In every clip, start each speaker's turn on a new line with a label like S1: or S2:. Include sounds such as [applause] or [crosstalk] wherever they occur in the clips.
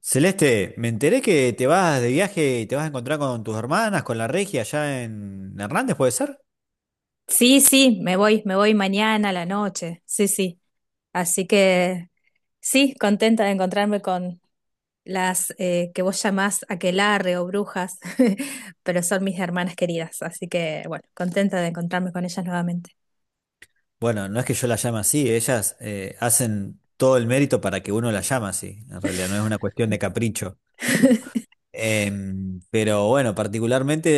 S1: Celeste, me enteré que te vas de viaje y te vas a encontrar con tus hermanas, con la Regia allá en Hernández, ¿puede ser?
S2: Sí, sí, me voy mañana a la noche. Sí, sí. Así que sí, contenta de encontrarme con las que vos llamás aquelarre o brujas, [laughs] pero son mis hermanas queridas. Así que bueno, contenta de encontrarme con ellas nuevamente.
S1: Bueno, no es que yo la llame así, ellas hacen todo el mérito para que uno la llame así. En realidad no es una
S2: [laughs]
S1: cuestión de capricho. Pero bueno, particularmente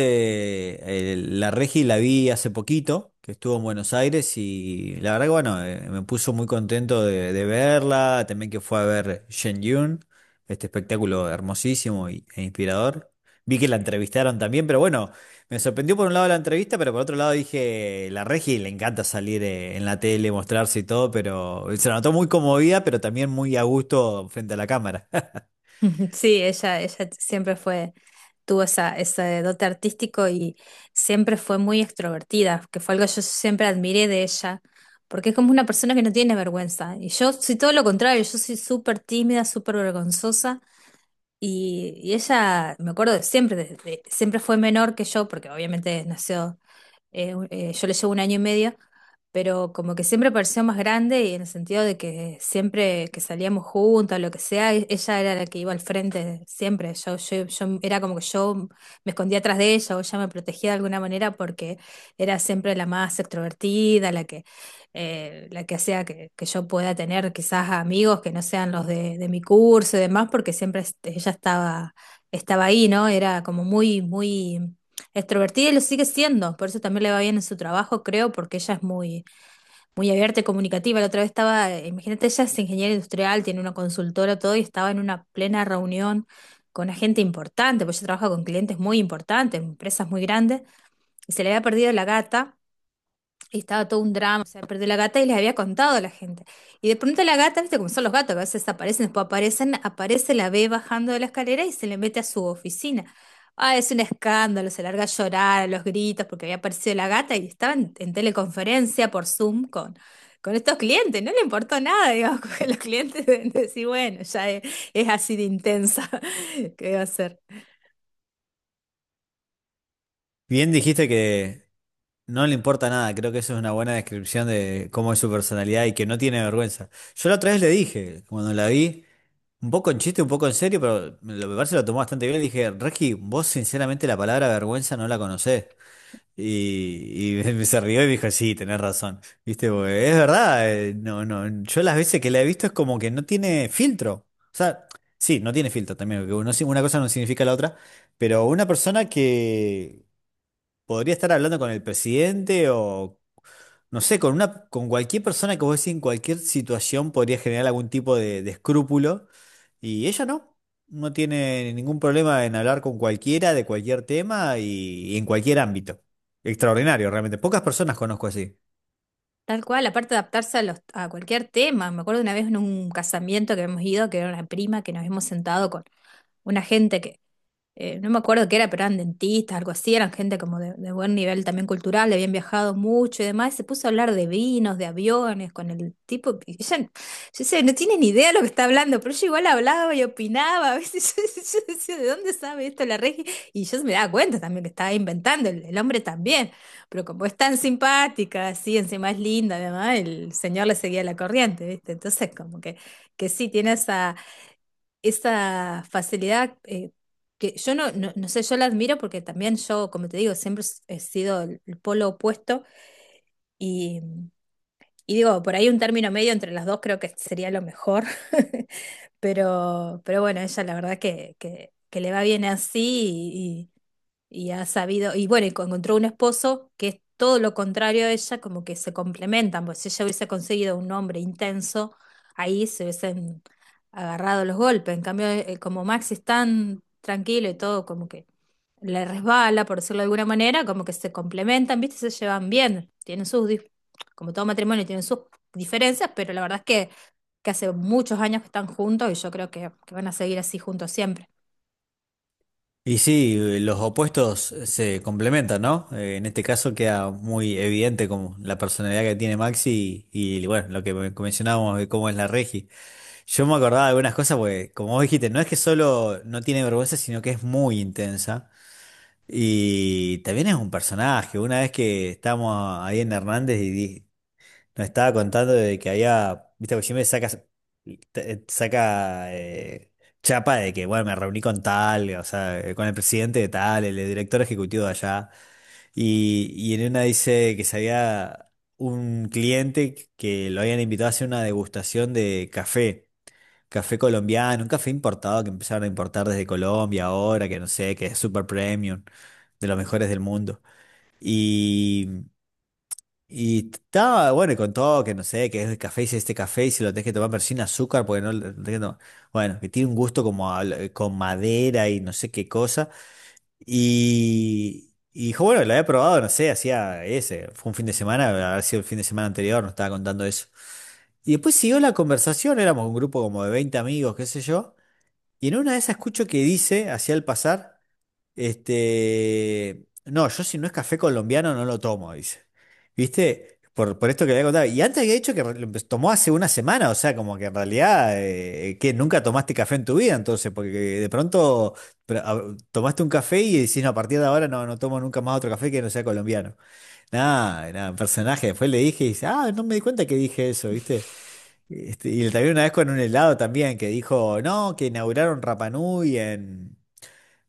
S1: la Regi la vi hace poquito, que estuvo en Buenos Aires y la verdad que bueno, me puso muy contento de verla, también que fue a ver Shen Yun, este espectáculo hermosísimo e inspirador. Vi que la entrevistaron también, pero bueno, me sorprendió por un lado la entrevista, pero por otro lado dije, la Regi le encanta salir en la tele, mostrarse y todo, pero se la notó muy conmovida, pero también muy a gusto frente a la cámara. [laughs]
S2: [laughs] Ujú. Sí, ella siempre fue, tuvo esa, ese dote artístico y siempre fue muy extrovertida, que fue algo que yo siempre admiré de ella, porque es como una persona que no tiene vergüenza. Y yo soy todo lo contrario, yo soy súper tímida, súper vergonzosa. Y ella, me acuerdo de siempre, siempre fue menor que yo, porque obviamente nació yo le llevo un año y medio, pero como que siempre pareció más grande y en el sentido de que siempre que salíamos juntas, lo que sea, ella era la que iba al frente siempre. Era como que yo me escondía atrás de ella o ella me protegía de alguna manera porque era siempre la más extrovertida, la que hacía que yo pueda tener quizás amigos que no sean los de mi curso y demás, porque siempre este, estaba ahí, ¿no? Era como muy, muy... extrovertida y lo sigue siendo, por eso también le va bien en su trabajo, creo, porque ella es muy, muy abierta y comunicativa. La otra vez estaba, imagínate, ella es ingeniera industrial, tiene una consultora, todo, y estaba en una plena reunión con una gente importante, porque ella trabaja con clientes muy importantes, empresas muy grandes, y se le había perdido la gata. Y estaba todo un drama, o sea, perdió la gata y les había contado a la gente. Y de pronto la gata, viste cómo son los gatos, que a veces aparecen, después aparecen, aparece, la ve bajando de la escalera y se le mete a su oficina. Ah, es un escándalo, se larga a llorar, a los gritos, porque había aparecido la gata y estaba en teleconferencia por Zoom con estos clientes, no le importó nada, digamos, [laughs] porque los clientes deben decir, bueno, ya es así de intensa. [laughs] ¿Qué va a ser?
S1: Bien dijiste que no le importa nada, creo que eso es una buena descripción de cómo es su personalidad y que no tiene vergüenza. Yo la otra vez le dije, cuando la vi, un poco en chiste, un poco en serio, pero me parece que lo tomó bastante bien, le dije, Regi, vos sinceramente la palabra vergüenza no la conocés. Y [laughs] se rió y me dijo, sí, tenés razón. Viste, porque es verdad, no, no, yo las veces que la he visto es como que no tiene filtro. O sea, sí, no tiene filtro también, porque una cosa no significa la otra. Pero una persona que podría estar hablando con el presidente o, no sé, con una, con cualquier persona que vos decís en cualquier situación podría generar algún tipo de escrúpulo. Y ella no, no tiene ningún problema en hablar con cualquiera de cualquier tema y en cualquier ámbito. Extraordinario, realmente. Pocas personas conozco así.
S2: Tal cual, aparte de adaptarse a, los, a cualquier tema. Me acuerdo una vez en un casamiento que hemos ido, que era una prima, que nos hemos sentado con una gente que no me acuerdo qué era, pero eran dentistas, algo así, eran gente como de buen nivel también cultural, habían viajado mucho y demás, y se puso a hablar de vinos, de aviones, con el tipo, y ella, yo decía, no tiene ni idea de lo que está hablando, pero yo igual hablaba y opinaba, a veces, [laughs] yo decía, ¿de dónde sabe esto la Regi? Y yo me daba cuenta también que estaba inventando, el hombre también, pero como es tan simpática, así, encima es linda, además, el señor le seguía la corriente, ¿viste? Entonces como que sí, tiene esa esa facilidad, que yo no, no, no sé, yo la admiro porque también yo, como te digo, he sido el polo opuesto y, y digo, por ahí un término medio entre las dos creo que sería lo mejor. [laughs] Pero bueno, ella la verdad que le va bien así y ha sabido, y bueno, encontró un esposo que es todo lo contrario a ella, como que se complementan, pues si ella hubiese conseguido un hombre intenso, ahí se hubiesen agarrado los golpes. En cambio, como Max es tan tranquilo y todo, como que le resbala, por decirlo de alguna manera, como que se complementan, ¿viste? Se llevan bien, tienen sus, como todo matrimonio, tienen sus diferencias, pero la verdad es que hace muchos años que están juntos y yo creo que van a seguir así juntos siempre.
S1: Y sí, los opuestos se complementan, ¿no? En este caso queda muy evidente como la personalidad que tiene Maxi bueno, lo que mencionábamos de cómo es la Regi. Yo me acordaba de algunas cosas porque, como vos dijiste, no es que solo no tiene vergüenza, sino que es muy intensa. Y también es un personaje. Una vez que estábamos ahí en Hernández y nos estaba contando de que había, viste, porque siempre saca, saca chapa de que, bueno, me reuní con tal, o sea, con el presidente de tal, el director ejecutivo de allá. Y en una dice que se había un cliente que lo habían invitado a hacer una degustación de café. Café colombiano, un café importado que empezaron a importar desde Colombia ahora, que no sé, que es super premium, de los mejores del mundo. Y, y estaba, bueno, y con todo, que no sé, que es el café, si este café, y si lo tenés que tomar, pero sin azúcar, porque no lo tenés que tomar. Bueno, que tiene un gusto con madera y no sé qué cosa. Y dijo, bueno, lo había probado, no sé, hacía ese, fue un fin de semana, habrá sido el fin de semana anterior, nos estaba contando eso. Y después siguió la conversación, éramos un grupo como de 20 amigos, qué sé yo. Y en una de esas escucho que dice, hacia el pasar, este, no, yo si no es café colombiano no lo tomo, dice. ¿Viste? Por esto que le había contado. Y antes había dicho que tomó hace una semana, o sea, como que en realidad, que nunca tomaste café en tu vida, entonces, porque de pronto pero, tomaste un café y decís, no, a partir de ahora no, no tomo nunca más otro café que no sea colombiano. Nada, nada, un personaje. Después le dije y dice, ah, no me di cuenta que dije eso, ¿viste? Este, y le también una vez con un helado también, que dijo, no, que inauguraron Rapa Nui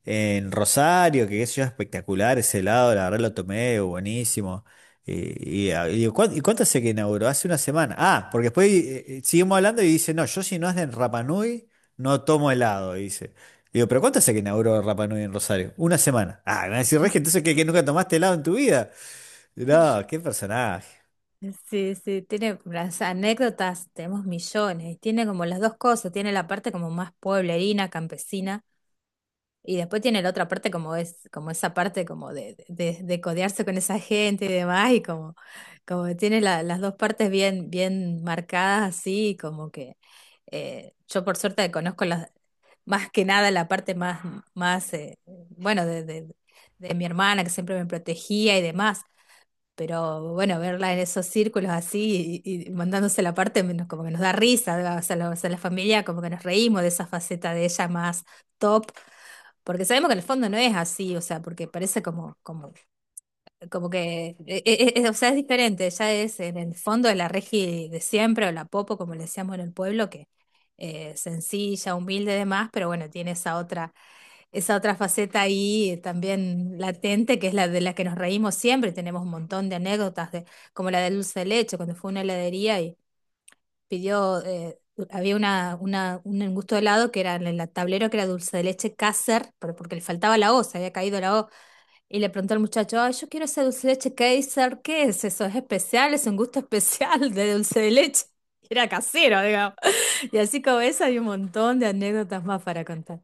S1: en Rosario, que qué sé yo, espectacular ese helado, la verdad lo tomé, buenísimo. Y digo, "¿Cuán- ¿y cuánto hace que inauguró? Hace una semana. Ah, porque después seguimos hablando y dice, no, yo si no es de Rapa Nui, no tomo helado, dice. Digo, pero ¿cuánto hace que inauguró Rapa Nui en Rosario? Una semana. Ah, me va a decir, Regi, entonces ¿qué, que, nunca tomaste helado en tu vida. No, qué personaje.
S2: Sí, sí, tiene las anécdotas, tenemos millones, y tiene como las dos cosas, tiene la parte como más pueblerina, campesina, y después tiene la otra parte como es, como esa parte como de codearse con esa gente y demás, y como, como que tiene las dos partes bien, bien marcadas así, y como que yo por suerte conozco las, más que nada la parte más, más bueno, de mi hermana que siempre me protegía y demás, pero bueno, verla en esos círculos así y mandándose la parte menos como que nos da risa, ¿verdad? O sea, la, o sea, la familia como que nos reímos de esa faceta de ella más top, porque sabemos que en el fondo no es así, o sea, porque parece como, como, como que, o sea, es diferente, ella es en el fondo de la Regi de siempre, o la Popo, como le decíamos en el pueblo, que sencilla, humilde y demás, pero bueno, tiene esa otra faceta ahí, también latente, que es la de la que nos reímos siempre. Tenemos un montón de anécdotas, de, como la de dulce de leche, cuando fue a una heladería y pidió, había una, un gusto de helado que era en el tablero que era dulce de leche Kaiser, pero porque le faltaba la O, se había caído la O. Y le preguntó al muchacho, ay, yo quiero ese dulce de leche Kaiser, ¿qué es eso? ¿Es especial? ¿Es un gusto especial de dulce de leche? [laughs] Era casero, digamos. Y así como esa hay un montón de anécdotas más para contar.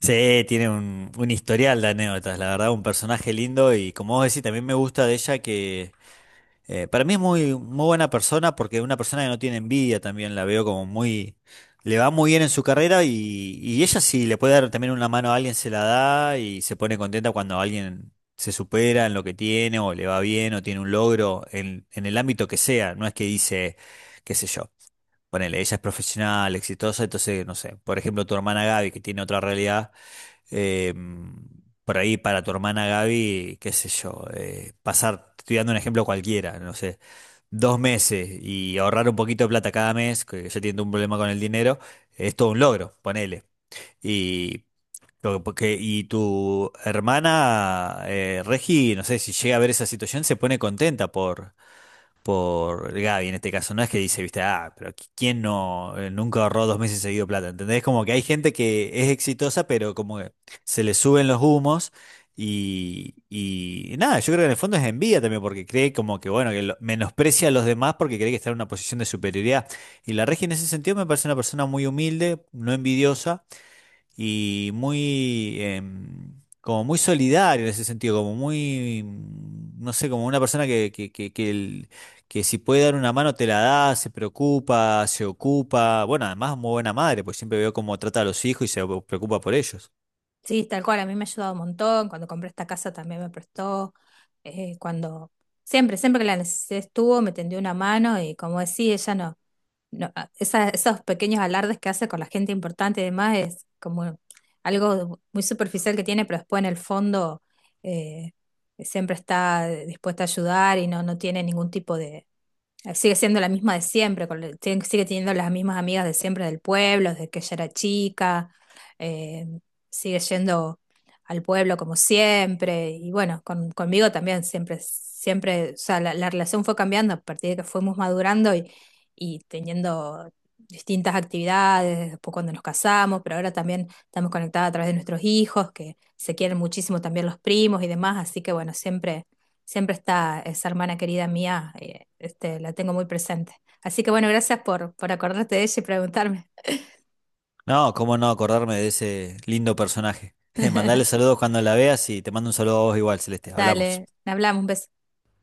S1: Sí, tiene un historial de anécdotas, la verdad, un personaje lindo y como vos decís, también me gusta de ella que para mí es muy buena persona porque es una persona que no tiene envidia también, la veo como muy, le va muy bien en su carrera y ella si le puede dar también una mano a alguien se la da y se pone contenta cuando alguien se supera en lo que tiene o le va bien o tiene un logro en el ámbito que sea, no es que dice, qué sé yo, ponele, ella es profesional, exitosa, entonces, no sé, por ejemplo, tu hermana Gaby que tiene otra realidad eh, por ahí para tu hermana Gaby, qué sé yo, pasar, te estoy dando un ejemplo cualquiera, no sé, dos meses y ahorrar un poquito de plata cada mes, que ya tiene un problema con el dinero, es todo un logro, ponele. Y, lo porque, y tu hermana Regi, no sé, si llega a ver esa situación, se pone contenta por Gaby en este caso. No es que dice, viste, ah, pero ¿quién no nunca ahorró dos meses seguido plata? ¿Entendés? Como que hay gente que es exitosa, pero como que se le suben los humos. Y nada, yo creo que en el fondo es envidia también, porque cree como que, bueno, menosprecia a los demás porque cree que está en una posición de superioridad. Y la Regi en ese sentido me parece una persona muy humilde, no envidiosa y muy, como muy solidario en ese sentido, como muy, no sé, como una persona que que si puede dar una mano te la da, se preocupa, se ocupa. Bueno, además muy buena madre, pues siempre veo cómo trata a los hijos y se preocupa por ellos.
S2: Sí, tal cual, a mí me ha ayudado un montón. Cuando compré esta casa también me prestó, cuando siempre, siempre que la necesidad estuvo, me tendió una mano y como decía, ella no, esos pequeños alardes que hace con la gente importante y demás es como algo muy superficial que tiene, pero después en el fondo, eh, siempre está dispuesta a ayudar y no, no tiene ningún tipo de, sigue siendo la misma de siempre, con sigue teniendo las mismas amigas de siempre del pueblo, desde que ella era chica, eh, sigue yendo al pueblo como siempre, y bueno, conmigo también siempre, siempre, o sea, la relación fue cambiando a partir de que fuimos madurando y teniendo distintas actividades, después cuando nos casamos, pero ahora también estamos conectadas a través de nuestros hijos, que se quieren muchísimo también los primos y demás, así que bueno, siempre siempre está esa hermana querida mía, este, la tengo muy presente. Así que bueno, gracias por acordarte de ella y preguntarme.
S1: No, cómo no acordarme de ese lindo personaje. [laughs] Mandale saludos cuando la veas y te mando un saludo a vos igual, Celeste. Hablamos.
S2: Dale, hablamos, un beso.